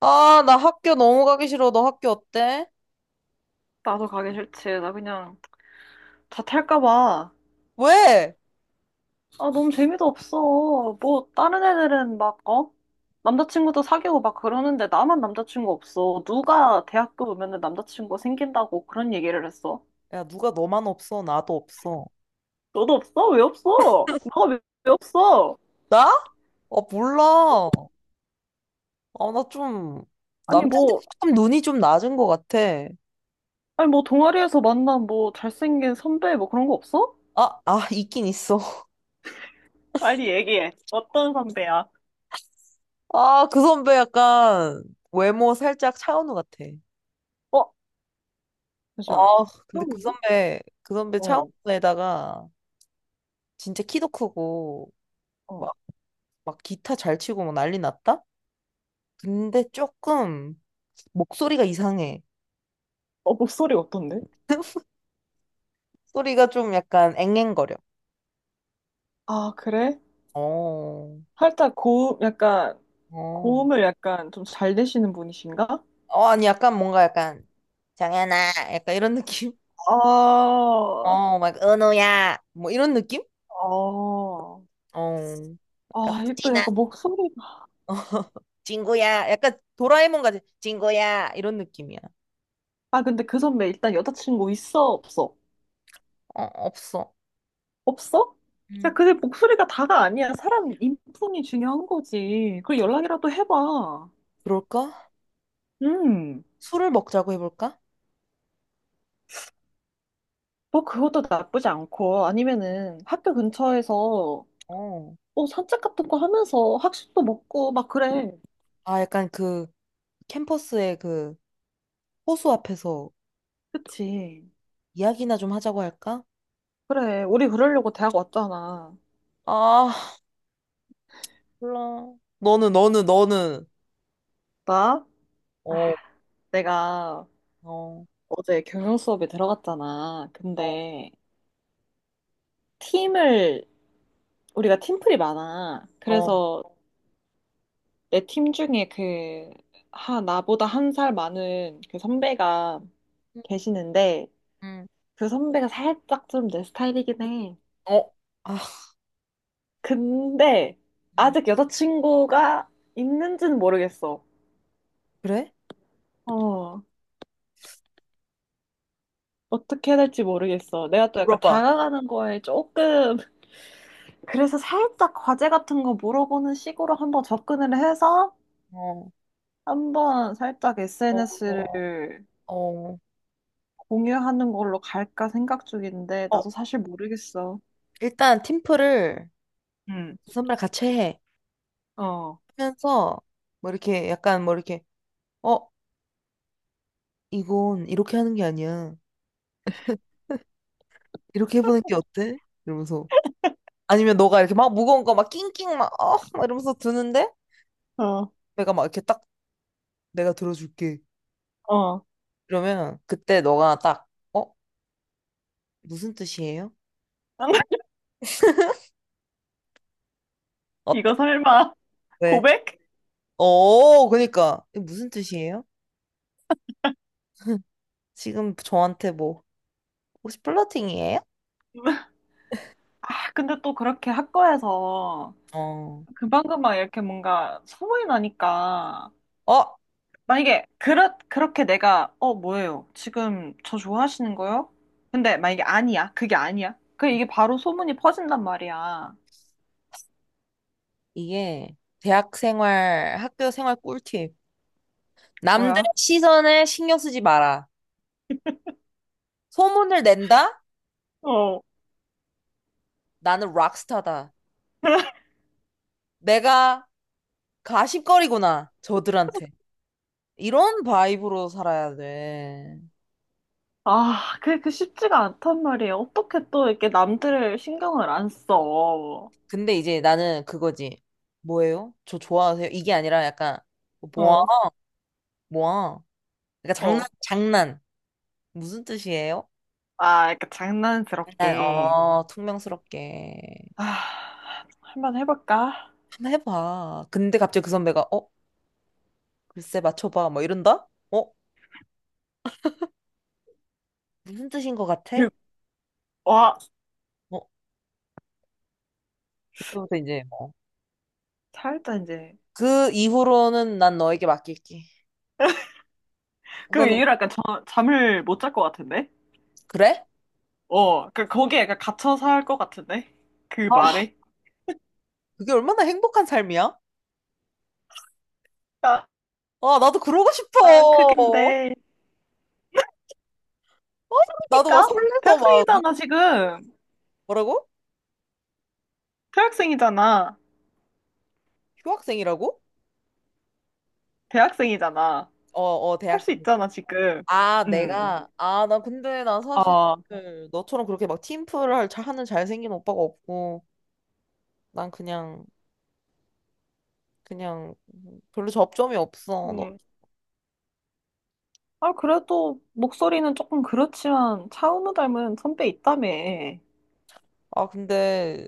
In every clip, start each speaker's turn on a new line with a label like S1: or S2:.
S1: 아, 나 학교 너무 가기 싫어. 너 학교 어때?
S2: 나도 가기 싫지. 나 그냥 자퇴할까 봐.
S1: 왜?
S2: 아, 너무 재미도 없어. 뭐, 다른 애들은 막, 어? 남자친구도 사귀고 막 그러는데 나만 남자친구 없어. 누가 대학교 오면은 남자친구 생긴다고 그런 얘기를 했어?
S1: 야, 누가 너만 없어? 나도 없어.
S2: 너도 없어? 왜 없어? 나가 왜, 왜 없어?
S1: 나? 아, 몰라. 아, 나 좀,
S2: 아니,
S1: 남자들
S2: 뭐,
S1: 조금 눈이 좀 낮은 것 같아.
S2: 아니, 뭐, 동아리에서 만난 뭐, 잘생긴 선배 뭐 그런 거 없어?
S1: 있긴 있어.
S2: 빨리 얘기해. 어떤 선배야?
S1: 그 선배 약간 외모 살짝 차은우 같아.
S2: 어?
S1: 아,
S2: 잠시만.
S1: 근데
S2: 그럼요?
S1: 그 선배
S2: 어,
S1: 차은우에다가 진짜 키도 크고,
S2: 어.
S1: 막, 막 기타 잘 치고 막 난리 났다? 근데 조금 목소리가 이상해.
S2: 어, 목소리 어떤데?
S1: 소리가 좀 약간 앵앵거려.
S2: 아, 그래?
S1: 어,
S2: 살짝 고음, 약간,
S1: 어.
S2: 고음을 약간 좀 잘 내시는 분이신가?
S1: 어, 아니, 정연아, 약간 이런 느낌?
S2: 아...
S1: 어, 막, 은우야, 뭐 이런 느낌?
S2: 아...
S1: 어, 약간,
S2: 아, 일단
S1: 수진아,
S2: 약간 목소리가.
S1: 어, 친구야, 약간 도라에몽 같은, 친구야, 이런 느낌이야.
S2: 아, 근데 그 선배 일단 여자친구 있어, 없어?
S1: 어, 없어.
S2: 없어? 야,
S1: 음,
S2: 근데 목소리가 다가 아니야. 사람 인품이 중요한 거지. 그리고 연락이라도 해봐.
S1: 그럴까?
S2: 음,
S1: 술을 먹자고 해볼까?
S2: 뭐 그것도 나쁘지 않고, 아니면은 학교 근처에서
S1: 어.
S2: 뭐 산책 같은 거 하면서 학식도 먹고 막 그래.
S1: 아, 약간 그, 캠퍼스의 호수 앞에서
S2: 그치.
S1: 이야기나 좀 하자고 할까?
S2: 그래, 우리 그러려고 대학 왔잖아.
S1: 아, 몰라. 너는.
S2: 나? 아,
S1: 어,
S2: 내가
S1: 어,
S2: 어제 경영 수업에 들어갔잖아.
S1: 어,
S2: 근데 팀을, 우리가 팀플이 많아.
S1: 어,
S2: 그래서 내 팀 중에 그, 하, 나보다 한 살 많은 그 선배가
S1: 음,
S2: 계시는데
S1: 음,
S2: 그 선배가 살짝 좀 내 스타일이긴 해.
S1: 어, 아,
S2: 근데
S1: 음.
S2: 아직 여자친구가 있는지는 모르겠어.
S1: 그래?
S2: 어, 어떻게 해야 될지 모르겠어. 내가 또 약간
S1: 물어봐.
S2: 다가가는 거에 조금 그래서 살짝 과제 같은 거 물어보는 식으로 한번 접근을 해서
S1: 어,
S2: 한번 살짝
S1: 어, 어,
S2: SNS를
S1: 어.
S2: 공유하는 걸로 갈까 생각 중인데
S1: 어,
S2: 나도 사실 모르겠어.
S1: 일단 팀플을
S2: 응,
S1: 그 선배랑 같이 해.
S2: 어,
S1: 하면서, 뭐 이렇게, 어, 이건 이렇게 하는 게 아니야. 이렇게 해보는 게 어때? 이러면서. 아니면 너가 이렇게 막 무거운 거 막 낑낑 막, 어, 막 이러면서 드는데,
S2: 어,
S1: 내가 막 이렇게 딱 내가 들어줄게.
S2: 어.
S1: 그러면 그때 너가 딱, 어, 무슨 뜻이에요? 어때?
S2: 이거 설마
S1: 왜?
S2: 고백?
S1: 어, 그니까. 이게 무슨 뜻이에요? 지금 저한테 뭐, 혹시 플러팅이에요?
S2: 아, 근데 또 그렇게 학과에서
S1: 어,
S2: 금방금방 이렇게 뭔가 소문이 나니까
S1: 어,
S2: 만약에 그렇게 내가 어 뭐예요? 지금 저 좋아하시는 거요? 근데 만약에 아니야. 그게 아니야. 그 이게 바로 소문이 퍼진단 말이야.
S1: 이게 학교 생활 꿀팁. 남들의
S2: 뭐야?
S1: 시선에 신경 쓰지 마라. 소문을 낸다?
S2: 어.
S1: 나는 락스타다. 내가 가십거리구나. 저들한테. 이런 바이브로 살아야 돼.
S2: 아, 그게 그 쉽지가 않단 말이에요. 어떻게 또 이렇게 남들을 신경을 안 써.
S1: 어,
S2: 어,
S1: 근데 이제 나는 그거지. 뭐예요? 저 좋아하세요? 이게 아니라 약간, 뭐야? 뭐야? 그러니까
S2: 어.
S1: 장난. 무슨 뜻이에요?
S2: 아, 이렇게
S1: 난,
S2: 장난스럽게.
S1: 어 퉁명스럽게
S2: 아, 한번 해볼까?
S1: 한번 해봐. 근데 갑자기 그 선배가 어 글쎄 맞춰봐 뭐 이런다? 어 무슨 뜻인 것 같아?
S2: 그, 와,
S1: 어 그때부터 이제 뭐.
S2: 살짝 이제.
S1: 그 이후로는 난 너에게 맡길게.
S2: 그
S1: 그거는
S2: 이후로 약간 저, 잠을 못 잘 것 같은데?
S1: 그래?
S2: 어, 그, 거기에 약간 갇혀 살 것 같은데? 그
S1: 아
S2: 말에?
S1: 그게 얼마나 행복한 삶이야?
S2: 아,
S1: 아 나도 그러고 싶어.
S2: 아, 그게
S1: 어?
S2: 근데,
S1: 나도 막
S2: 그러니까?
S1: 설레서 막 누,
S2: 대학생이잖아, 지금.
S1: 뭐라고?
S2: 대학생이잖아.
S1: 휴학생이라고?
S2: 대학생이잖아.
S1: 어어
S2: 할
S1: 대학생.
S2: 수 있잖아, 지금.
S1: 아
S2: 음,
S1: 내가 아 나 근데 나 사실
S2: 아,
S1: 그 너처럼 그렇게 막 잘 하는 잘생긴 오빠가 없고 난 그냥 별로 접점이 없어. 너-
S2: 음. 아, 그래도 목소리는 조금 그렇지만 차은우 닮은 선배 있다며.
S1: 아, 근데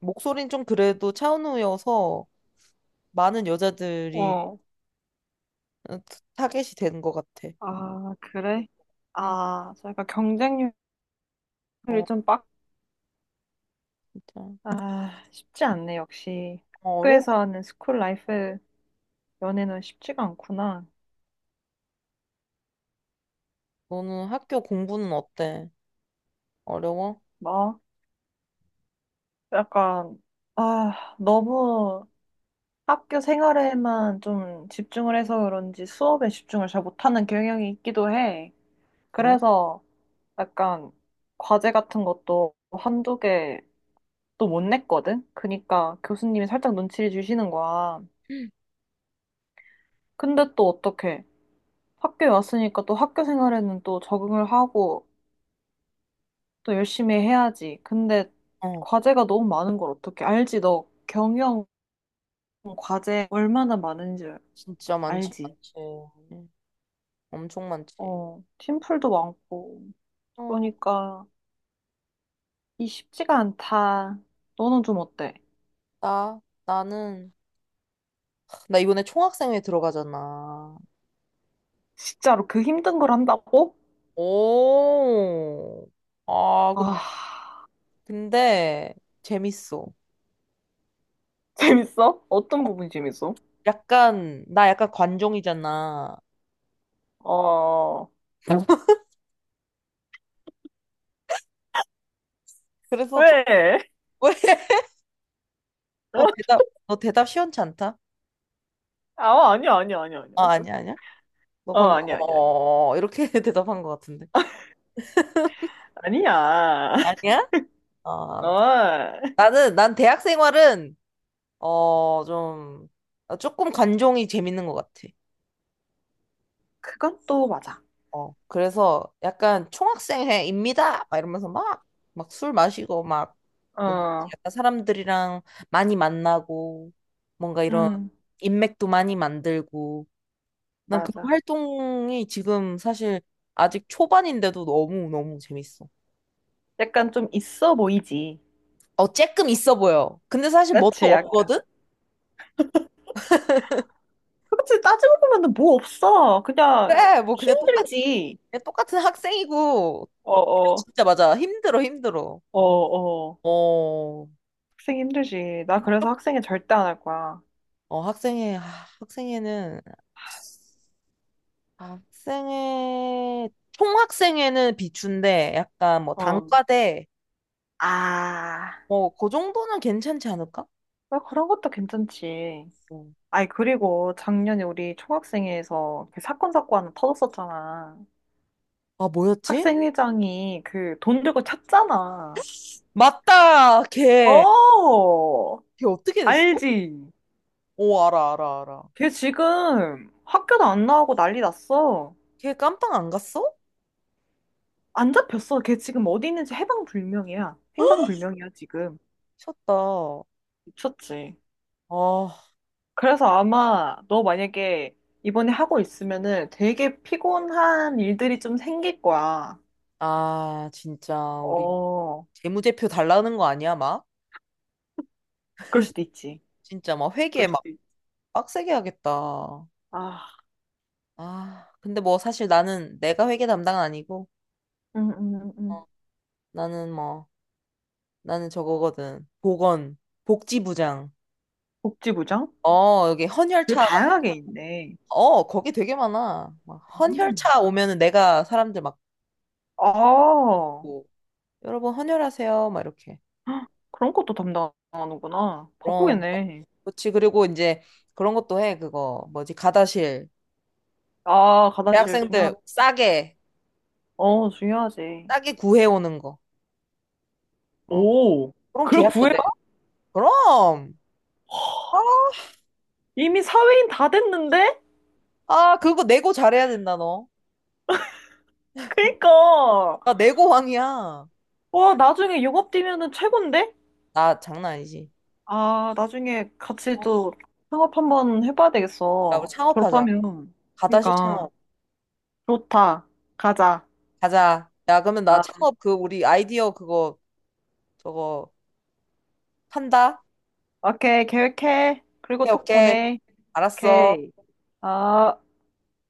S1: 목소리는 좀 그래도 차은우여서 많은 여자들이
S2: 어,
S1: 타겟이 되는 것 같아.
S2: 아, 그래?
S1: 응.
S2: 아, 저 약간 경쟁률이
S1: 어,
S2: 좀 빡,
S1: 진짜.
S2: 아, 쉽지 않네, 역시.
S1: 어, 어려워.
S2: 학교에서 하는 스쿨 라이프 연애는 쉽지가 않구나.
S1: 너는 학교 공부는 어때? 어려워?
S2: 막 약간 아 너무 학교 생활에만 좀 집중을 해서 그런지 수업에 집중을 잘 못하는 경향이 있기도 해.
S1: 그래?
S2: 그래서 약간 과제 같은 것도 한두 개 또 못 냈거든. 그러니까 교수님이 살짝 눈치를 주시는 거야. 근데 또 어떻게 학교에 왔으니까 또 학교 생활에는 또 적응을 하고 또 열심히 해야지. 근데
S1: 어,
S2: 과제가 너무 많은 걸 어떻게 알지? 너 경영 과제 얼마나 많은지 알지?
S1: 많지. 응, 엄청 많지.
S2: 어, 팀플도 많고.
S1: 어,
S2: 그러니까 이 쉽지가 않다. 너는 좀 어때?
S1: 나, 나는, 나 이번에 총학생회 들어가잖아.
S2: 진짜로 그 힘든 걸 한다고?
S1: 오. 아, 근데,
S2: 아,
S1: 근데, 재밌어.
S2: 재밌어? 어떤 부분이 재밌어?
S1: 약간 나 약간 관종이잖아.
S2: 어,
S1: 그래서 좀
S2: 왜?
S1: 왜? 너 대답 시원치 않다.
S2: 아, 아니야, 아니야, 아니야, 아니야.
S1: 아니야. 너
S2: 어,
S1: 방금
S2: 아니야, 아니야, 아니야.
S1: 어 이렇게 대답한 것 같은데.
S2: 아니야.
S1: 아니야? 아
S2: 어,
S1: 나는 난 대학 생활은 어좀 아, 조금 관종이 재밌는 것 같아.
S2: 그건 또 맞아.
S1: 어 그래서 약간 총학생회입니다. 막 이러면서 막 막 술 마시고 막
S2: 어,
S1: 뭔지 알지?
S2: 어,
S1: 약간 사람들이랑 많이 만나고 뭔가 이런
S2: 음,
S1: 인맥도 많이 만들고. 난 그
S2: 맞아.
S1: 활동이 지금 사실 아직 초반인데도 너무너무 재밌어.
S2: 약간 좀 있어 보이지.
S1: 어, 쬐끔 있어 보여. 근데 사실 뭣도
S2: 그치, 약간.
S1: 없거든?
S2: 그치, 따지고 보면 뭐 없어. 그냥
S1: 그래, 뭐 그냥 똑같,
S2: 힘들지.
S1: 그냥 똑같은 학생이고.
S2: 어, 어,
S1: 진짜 맞아. 힘들어, 힘들어.
S2: 어, 어.
S1: 어,
S2: 학생 힘들지. 나 그래서 학생회 절대 안 할 거야.
S1: 어, 학생회는, 총학생회는 비추인데 약간 뭐
S2: 어.
S1: 단과대,
S2: 아,
S1: 뭐, 그 정도는 괜찮지 않을까?
S2: 뭐 그런 것도 괜찮지.
S1: 어.
S2: 아니, 그리고 작년에 우리 총학생회에서 그 사건, 사고 하나 터졌었잖아.
S1: 아, 뭐였지?
S2: 학생회장이 그 돈 들고 찼잖아.
S1: 맞다!
S2: 어,
S1: 걔 어떻게 됐어?
S2: 알지?
S1: 오, 알아.
S2: 걔 지금 학교도 안 나오고 난리 났어.
S1: 걔 깜빵 안 갔어?
S2: 안 잡혔어. 걔 지금 어디 있는지 해방불명이야. 행방불명이야, 지금.
S1: 미쳤다.
S2: 미쳤지.
S1: 아,
S2: 그래서 아마 너 만약에 이번에 하고 있으면은 되게 피곤한 일들이 좀 생길 거야.
S1: 진짜, 우리
S2: 어,
S1: 재무제표 달라는 거 아니야, 막?
S2: 그럴 수도 있지.
S1: 진짜 막 회계
S2: 그럴
S1: 막
S2: 수도 있지.
S1: 빡세게 하겠다.
S2: 아,
S1: 아, 근데 뭐 사실 나는 내가 회계 담당은 아니고, 어,
S2: 음.
S1: 나는 뭐, 나는 저거거든. 보건, 복지부장.
S2: 복지부장?
S1: 어, 여기
S2: 되게
S1: 헌혈차,
S2: 다양하게 있네.
S1: 어, 거기 되게 많아. 막
S2: 음.
S1: 헌혈차 오면은 내가 사람들 막,
S2: 아,
S1: 보고, 여러분 헌혈하세요, 막 이렇게.
S2: 그런 것도 담당하는구나.
S1: 그럼
S2: 바쁘겠네.
S1: 그렇지 그리고 이제 그런 것도 해 그거 뭐지 가다실
S2: 아, 가다실 중요하,
S1: 대학생들
S2: 어, 중요하지.
S1: 싸게 구해오는 거 어,
S2: 오,
S1: 그런
S2: 그걸
S1: 계약도
S2: 구해요?
S1: 돼 그럼 아,
S2: 이미 사회인 다 됐는데?
S1: 아 그거 내고 잘해야 된다 너
S2: 그니까.
S1: 나 내고 왕이야
S2: 와, 나중에 영업 뛰면은 최곤데?
S1: 나 장난 아니지
S2: 아, 나중에 같이
S1: 어,
S2: 또 창업 한번 해봐야
S1: 야 우리
S2: 되겠어.
S1: 창업하자
S2: 졸업하면.
S1: 가다실
S2: 그러니까,
S1: 창업
S2: 좋다. 가자.
S1: 가자 야 그러면 나
S2: 아,
S1: 창업 그 우리 아이디어 그거 저거 판다
S2: 오케이, 계획해. 그리고 톡
S1: 오케이
S2: 보내.
S1: 알았어
S2: 오케이. 아.